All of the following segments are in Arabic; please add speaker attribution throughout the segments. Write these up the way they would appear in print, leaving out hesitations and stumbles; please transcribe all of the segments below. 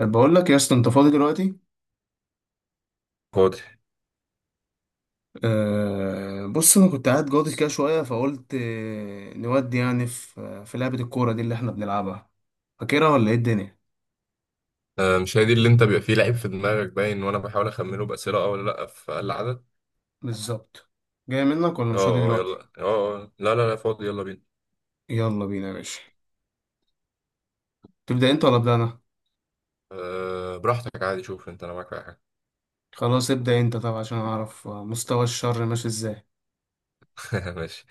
Speaker 1: بقول لك يا اسطى، انت فاضي دلوقتي؟
Speaker 2: فاضي؟
Speaker 1: بص انا كنت قاعد جاضي كده شويه، فقلت نودي يعني في لعبه الكوره دي اللي احنا بنلعبها. فاكرها ولا ايه الدنيا؟
Speaker 2: آه، مش هي دي اللي انت بيبقى فيه لعيب في دماغك باين وانا بحاول اخمنه بأسئلة، اه ولا لا، في اقل عدد.
Speaker 1: بالظبط. جاي منك ولا مش فاضي
Speaker 2: اه اه،
Speaker 1: دلوقتي؟
Speaker 2: يلا اه. آه. آه. لا، فاضي، يلا بينا.
Speaker 1: يلا بينا يا باشا. تبدا انت ولا ابدا انا؟
Speaker 2: أه، براحتك عادي، شوف انت، انا معاك في اي حاجة.
Speaker 1: خلاص، ابدا انت طبعا عشان اعرف مستوى الشر ماشي ازاي.
Speaker 2: ماشي.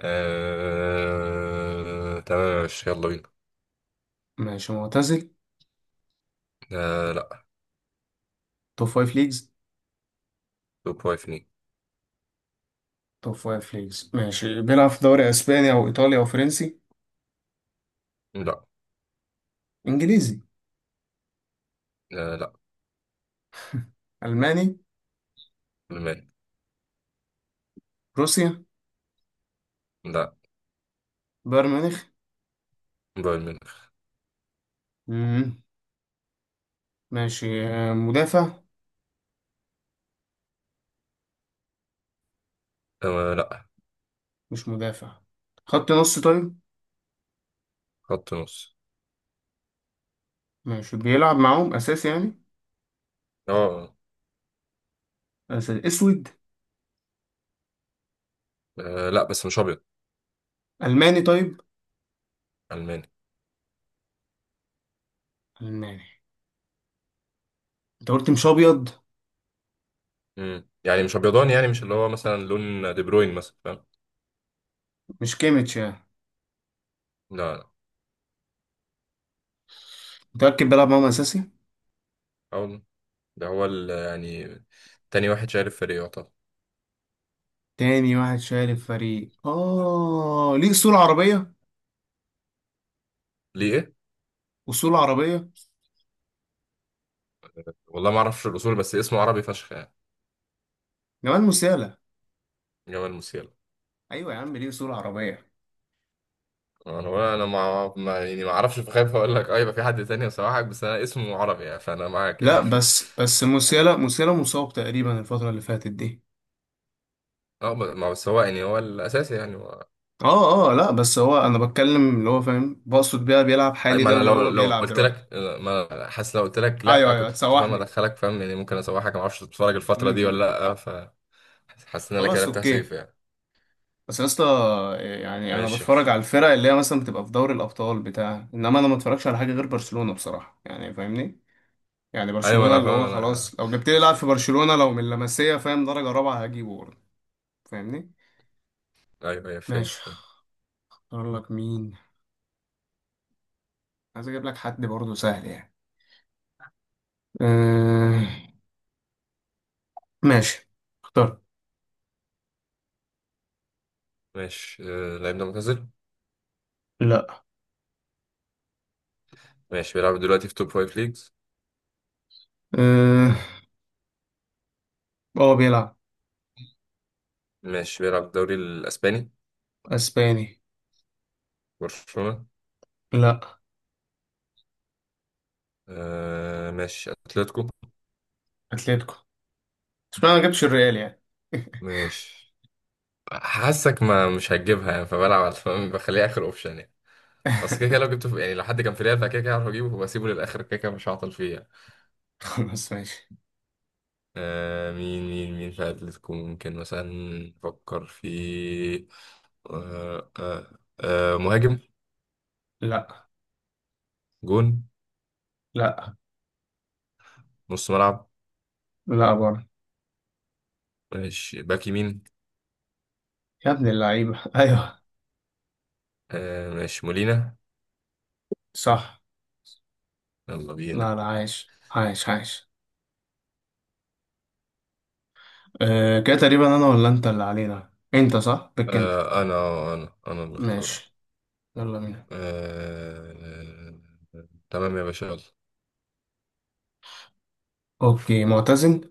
Speaker 2: أه تمام، ماشي يلا بينا.
Speaker 1: ماشي. معتزل؟
Speaker 2: أه لا.
Speaker 1: توب فايف ليجز.
Speaker 2: توب فايف ليه؟
Speaker 1: توب فايف ليجز. ماشي، بيلعب في دوري اسباني او ايطالي او فرنسي؟
Speaker 2: لا.
Speaker 1: انجليزي؟
Speaker 2: أه لا.
Speaker 1: الماني؟
Speaker 2: المان.
Speaker 1: روسيا؟
Speaker 2: لا.
Speaker 1: بايرن ميونخ؟
Speaker 2: بايرن ميونخ.
Speaker 1: مم. ماشي. مدافع؟
Speaker 2: أه لا.
Speaker 1: مش مدافع. خط نص؟ طيب.
Speaker 2: خط نص.
Speaker 1: ماشي بيلعب معاهم اساسي يعني؟
Speaker 2: اه آه.
Speaker 1: أساسي. اسود؟
Speaker 2: آه، لا بس مش ابيض.
Speaker 1: الماني؟ طيب.
Speaker 2: الماني.
Speaker 1: الماني. انت قلت مش ابيض.
Speaker 2: مم. يعني مش ابيضاني، يعني مش اللي هو مثلا لون دي بروين مثلا، فاهم؟
Speaker 1: مش كيميتش يعني؟
Speaker 2: لا.
Speaker 1: متاكد بيلعب معاهم اساسي؟
Speaker 2: لا ده هو يعني تاني واحد شايل الفريق يعتبر.
Speaker 1: تاني واحد شارك فريق. اه، ليه اصول عربيه؟
Speaker 2: ليه ايه؟
Speaker 1: اصول عربيه.
Speaker 2: والله ما اعرفش الاصول، بس اسمه عربي فشخ يعني.
Speaker 1: جمال موسيالا؟
Speaker 2: جمال موسيالا.
Speaker 1: ايوه يا عم، ليه اصول عربيه.
Speaker 2: انا ولا انا ما ما- يعني ما اعرفش، فخايف اقول لك اه يبقى في حد تاني يصححك، بس انا اسمه عربي يعني، فانا معاك يعني.
Speaker 1: لا، بس بس موسيالا مصاب تقريبا الفتره اللي فاتت دي.
Speaker 2: اه ما بس هو يعني هو الاساسي يعني هو.
Speaker 1: اه اه، لا بس هو انا بتكلم اللي هو فاهم، بقصد بيها بيلعب حالي
Speaker 2: ما
Speaker 1: ده
Speaker 2: انا
Speaker 1: اللي
Speaker 2: لو
Speaker 1: هو
Speaker 2: لو
Speaker 1: بيلعب
Speaker 2: قلت
Speaker 1: دلوقتي.
Speaker 2: لك، ما أنا حاسس لو قلت لك
Speaker 1: ايوه
Speaker 2: لا
Speaker 1: ايوه،
Speaker 2: كنت فاهم
Speaker 1: هتسوحني.
Speaker 2: ادخلك، فاهم يعني؟ ممكن اصححك، ما اعرفش تتفرج
Speaker 1: امم،
Speaker 2: الفتره دي ولا لا. فحاسس ان انا كده
Speaker 1: خلاص،
Speaker 2: تهسيف
Speaker 1: اوكي.
Speaker 2: يعني.
Speaker 1: بس يا اسطى، يعني انا
Speaker 2: ماشي
Speaker 1: بتفرج
Speaker 2: ماشي.
Speaker 1: على الفرق اللي هي مثلا بتبقى في دوري الابطال بتاع، انما انا ما اتفرجش على حاجه غير برشلونه بصراحه يعني. فاهمني؟ يعني
Speaker 2: ايوه
Speaker 1: برشلونه،
Speaker 2: انا
Speaker 1: اللي هو
Speaker 2: فاهم، انا
Speaker 1: خلاص لو جبت لي
Speaker 2: مش
Speaker 1: لاعب في
Speaker 2: فاهم.
Speaker 1: برشلونه لو من لمسيه، فاهم، درجه رابعه هجيبه برضه. فاهمني؟
Speaker 2: ايوه ايوه فهمت.
Speaker 1: ماشي. اختار لك مين؟ عايز اجيب لك حد برضه سهل يعني. أه... ماشي. اختار.
Speaker 2: ماشي آه، اللاعب ده معتزل؟
Speaker 1: لا.
Speaker 2: ماشي بيلعب دلوقتي في توب فايف ليجز؟
Speaker 1: أه... هو بيلعب.
Speaker 2: ماشي بيلعب في الدوري الاسباني؟
Speaker 1: اسباني.
Speaker 2: برشلونة.
Speaker 1: لا.
Speaker 2: آه ماشي، اتلتيكو.
Speaker 1: اتلتيكو. اشمعنى ما جبتش الريال يعني؟
Speaker 2: ماشي. حاسك ما مش هتجيبها يعني، فبلعب على فاهم؟ بخليها اخر اوبشن يعني. بس كده كده لو جبته في، يعني لو حد كان في ريال، فكده كده هعرف اجيبه وبسيبه للاخر، كده كده مش هعطل فيه يعني.
Speaker 1: بس ماشي.
Speaker 2: آه، مين في اتلتيكو ممكن مثلا نفكر في؟ آه مهاجم؟
Speaker 1: لا.
Speaker 2: جون؟
Speaker 1: لا
Speaker 2: نص ملعب؟
Speaker 1: لا، برضه.
Speaker 2: ماشي باك يمين.
Speaker 1: يا ابن اللعيبة! ايوه.
Speaker 2: آه ماشي، مولينا.
Speaker 1: صح.
Speaker 2: يلا
Speaker 1: لا
Speaker 2: بينا.
Speaker 1: لا، عايش عايش عايش. كده تقريبا انا ولا انت اللي علينا؟ انت صح، بك انت.
Speaker 2: آه انا، انا اللي اختاره.
Speaker 1: ماشي. يلا بينا.
Speaker 2: آه تمام يا باشا، يلا.
Speaker 1: اوكي. معتزل؟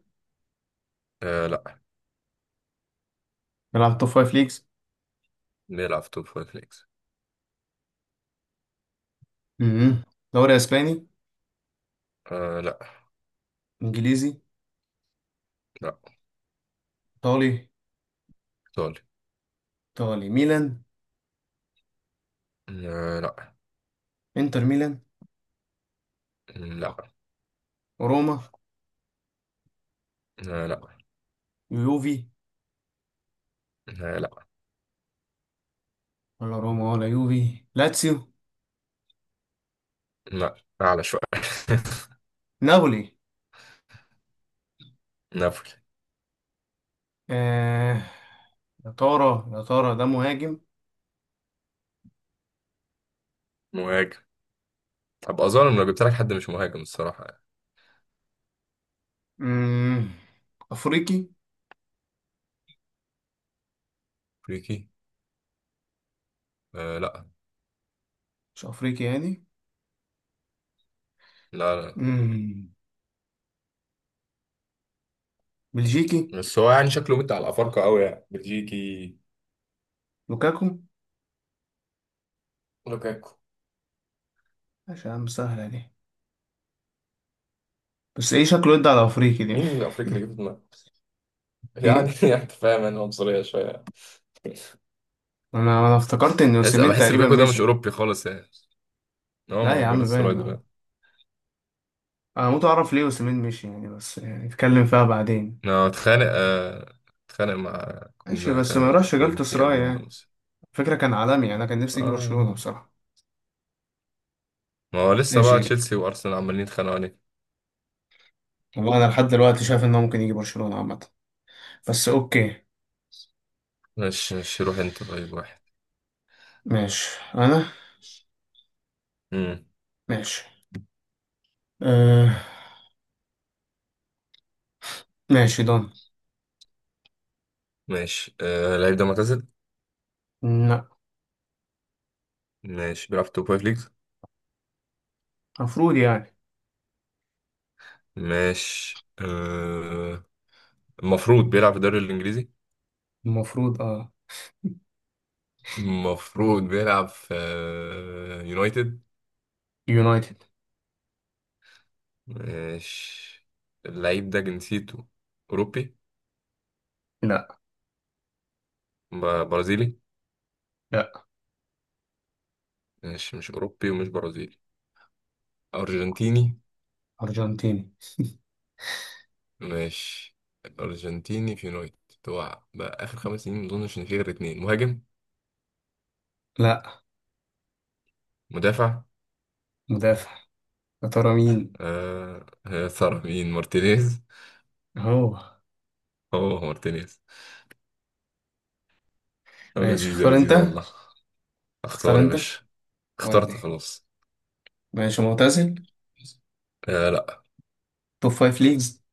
Speaker 2: آه لا.
Speaker 1: بيلعب توب فايف ليجز؟
Speaker 2: نلعب في توب فايف ليجز.
Speaker 1: امم. دوري اسباني؟
Speaker 2: آه لا.
Speaker 1: انجليزي؟
Speaker 2: لا.
Speaker 1: ايطالي؟
Speaker 2: ايطالي.
Speaker 1: ايطالي. ميلان؟
Speaker 2: آه لا.
Speaker 1: انتر ميلان؟
Speaker 2: لا.
Speaker 1: روما؟
Speaker 2: آه لا.
Speaker 1: يوفي؟
Speaker 2: آه لا.
Speaker 1: ولا روما ولا يوفي. لاتسيو؟
Speaker 2: آه، لا. اعلى شوية.
Speaker 1: نابولي؟
Speaker 2: نابولي.
Speaker 1: آه. يا ترى، يا ترى ده مهاجم؟
Speaker 2: مهاجم. هبقى ظالم لو جبت لك حد مش مهاجم الصراحة يعني.
Speaker 1: مم. افريقي؟
Speaker 2: افريقي. آه لا.
Speaker 1: مش افريقي يعني؟
Speaker 2: لا لا.
Speaker 1: مم. بلجيكي؟
Speaker 2: بس هو يعني شكله مد على الافارقة قوي يعني. بلجيكي.
Speaker 1: لوكاكو؟
Speaker 2: لوكاكو.
Speaker 1: ماشي يا عم، سهلة دي. بس ايه شكله يدي على افريقي دي؟
Speaker 2: مين الافريقي اللي جبت دماغه؟ يعني
Speaker 1: ايه؟
Speaker 2: يعني انت فاهم انا عنصرية شوية.
Speaker 1: انا افتكرت ان
Speaker 2: بحس
Speaker 1: اوسيمين
Speaker 2: بحس
Speaker 1: تقريبا
Speaker 2: لوكاكو ده مش
Speaker 1: مشي.
Speaker 2: اوروبي خالص يعني. هو
Speaker 1: لا
Speaker 2: ما هو
Speaker 1: يا
Speaker 2: في
Speaker 1: عم،
Speaker 2: جالاتا سراي
Speaker 1: باين آه.
Speaker 2: دلوقتي.
Speaker 1: انا هموت اعرف ليه اوسيمين مشي يعني، بس يعني نتكلم فيها بعدين.
Speaker 2: انا اتخانق آه، اتخانق مع
Speaker 1: ماشي،
Speaker 2: كنا
Speaker 1: بس ما يروحش جالت
Speaker 2: كونتي
Speaker 1: سراي
Speaker 2: قبل ما
Speaker 1: يعني.
Speaker 2: نوصل.
Speaker 1: فكرة كان عالمي يعني، انا كان نفسي يجي
Speaker 2: آه.
Speaker 1: برشلونة بصراحة.
Speaker 2: ما هو لسه بقى
Speaker 1: ماشي.
Speaker 2: تشيلسي وارسنال عمالين يتخانقوا عليك.
Speaker 1: والله انا لحد دلوقتي شايف انه ممكن يجي برشلونة عامة. بس اوكي.
Speaker 2: ماشي ماشي، روح انت طيب واحد.
Speaker 1: ماشي. انا.
Speaker 2: امم.
Speaker 1: ماشي. أه... ماشي. دون؟
Speaker 2: ماشي آه، اللعيب ده معتزل؟
Speaker 1: لا.
Speaker 2: ماشي بيلعب في توب فايف ليجز؟
Speaker 1: المفروض يعني.
Speaker 2: ماشي آه، المفروض بيلعب في الدوري الانجليزي؟
Speaker 1: المفروض اه.
Speaker 2: المفروض بيلعب في آه، يونايتد.
Speaker 1: يونايتد.
Speaker 2: ماشي. اللعيب ده جنسيته اوروبي؟
Speaker 1: لا.
Speaker 2: برازيلي؟
Speaker 1: لا.
Speaker 2: ماشي مش أوروبي ومش برازيلي. أرجنتيني.
Speaker 1: أرجنتيني.
Speaker 2: ماشي أرجنتيني في يونايتد. هو بقى آخر خمس سنين ما أظنش إن في غير اتنين مهاجم.
Speaker 1: لا.
Speaker 2: مدافع.
Speaker 1: مدافع. يا ترى مين؟
Speaker 2: آه آه، ثرى مين؟ مارتينيز.
Speaker 1: هو.
Speaker 2: هو مارتينيز.
Speaker 1: ماشي
Speaker 2: لذيذة
Speaker 1: اختار انت.
Speaker 2: لذيذة والله.
Speaker 1: تختار
Speaker 2: اختار يا
Speaker 1: انت.
Speaker 2: باشا. اخترت
Speaker 1: ودي.
Speaker 2: خلاص.
Speaker 1: ماشي. معتزل؟
Speaker 2: آه لا.
Speaker 1: توب فايف ليجز؟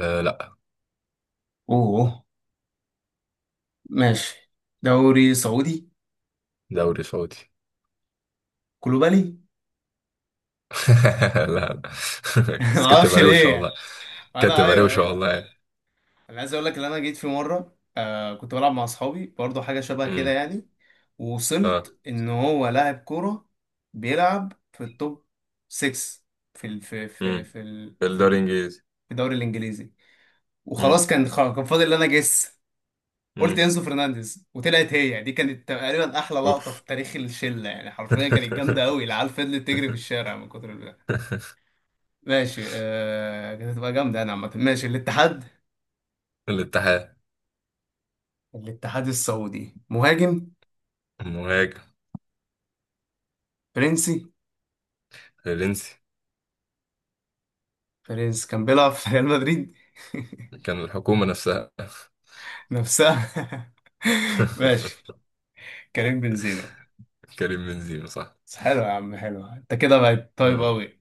Speaker 2: آه لا.
Speaker 1: اوه. ماشي. دوري سعودي؟
Speaker 2: دوري سعودي.
Speaker 1: كلوبالي؟
Speaker 2: لا لا. بس كانت
Speaker 1: معرفش
Speaker 2: تبقى روشة والله.
Speaker 1: ليه.
Speaker 2: كانت
Speaker 1: انا.
Speaker 2: تبقى
Speaker 1: ايوه
Speaker 2: روشة
Speaker 1: ايوه.
Speaker 2: والله يعني.
Speaker 1: انا عايز اقول لك ان انا جيت في مره، كنت بلعب مع اصحابي برضو حاجه شبه كده
Speaker 2: امم.
Speaker 1: يعني.
Speaker 2: اه.
Speaker 1: ووصلت ان هو لاعب كوره. بيلعب في التوب 6 في ال في في
Speaker 2: امم.
Speaker 1: في ال في
Speaker 2: الدوري
Speaker 1: ال-
Speaker 2: الانجليزي.
Speaker 1: في الدوري الانجليزي.
Speaker 2: امم.
Speaker 1: وخلاص كان فاضل ان انا جس. قلت
Speaker 2: امم.
Speaker 1: انزو فرنانديز وطلعت هي دي. كانت تقريبا احلى لقطه
Speaker 2: اوف.
Speaker 1: في تاريخ الشله يعني، حرفيا كانت جامده قوي، العيال فضلت تجري في الشارع من كتر البتاع. ماشي كانت هتبقى جامده، انا عامه. ماشي، الاتحاد؟
Speaker 2: الاتحاد.
Speaker 1: الاتحاد السعودي. مهاجم؟
Speaker 2: المهاجم.
Speaker 1: فرنسي؟
Speaker 2: الفرنسي.
Speaker 1: بيريز كان بيلعب في ريال مدريد.
Speaker 2: كان الحكومة نفسها.
Speaker 1: نفسها. ماشي. كريم بنزيما.
Speaker 2: كريم بنزيما صح.
Speaker 1: بس حلو يا عم، حلو انت كده، بقت طيب
Speaker 2: آه.
Speaker 1: قوي.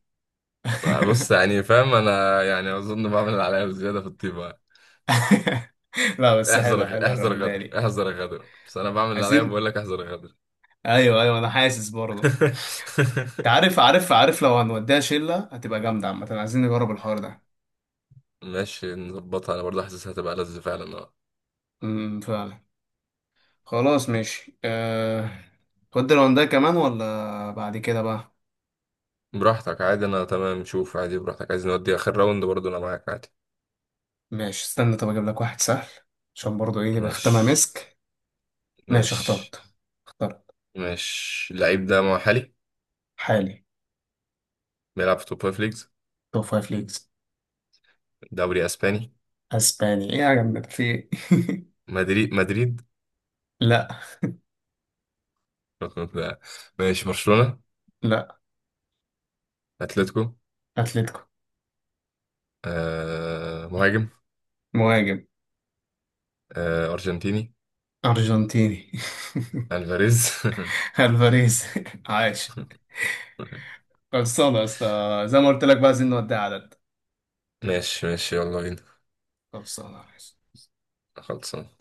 Speaker 2: بص يعني فاهم انا، يعني اظن بعمل اللي عليا بزيادة في الطيبة.
Speaker 1: لا بس حلو
Speaker 2: احذر
Speaker 1: حلو،
Speaker 2: احذر
Speaker 1: الرونداني
Speaker 2: غدر،
Speaker 1: دي.
Speaker 2: احذر غدر، بس انا بعمل اللي عليا،
Speaker 1: عايزين.
Speaker 2: بقول لك احذر غدر.
Speaker 1: ايوه ايوه، انا حاسس برضه. انت عارف عارف عارف، لو هنوديها شله هتبقى جامده عامه، عايزين نجرب الحوار ده.
Speaker 2: ماشي نظبطها، انا برضه حاسسها هتبقى لذة فعلا اه.
Speaker 1: امم، فعلا. خلاص ماشي. تودي الرونداني كمان ولا بعد كده بقى؟
Speaker 2: براحتك عادي، انا تمام، شوف عادي براحتك، عايز نودي اخر راوند برضه انا معاك عادي.
Speaker 1: ماشي، استنى طب اجيب لك واحد سهل. عشان برضه ايه، تبقى ختامها
Speaker 2: ماشي.
Speaker 1: مسك. ماشي
Speaker 2: ماشي.
Speaker 1: اخترت. اخترت.
Speaker 2: ماشي اللعيب ده محلي؟
Speaker 1: حالي.
Speaker 2: بيلعب في توب فايف ليجز؟
Speaker 1: توب فايف ليجز.
Speaker 2: دوري اسباني؟
Speaker 1: اسباني؟ ايه يا جماعة في إيه؟
Speaker 2: مدريد؟ مدريد.
Speaker 1: لا.
Speaker 2: لا، ماشي برشلونة.
Speaker 1: لا.
Speaker 2: اتلتيكو.
Speaker 1: اتلتيكو.
Speaker 2: آه مهاجم.
Speaker 1: مهاجم.
Speaker 2: آه ارجنتيني.
Speaker 1: ارجنتيني.
Speaker 2: الفاريز.
Speaker 1: الفاريز! عاش. خلصانه يا اسطى. زي ما قلت لك بقى، عايزين نودي عدد.
Speaker 2: ماشي ماشي يلا بينا.
Speaker 1: خلصانه.
Speaker 2: خلصان.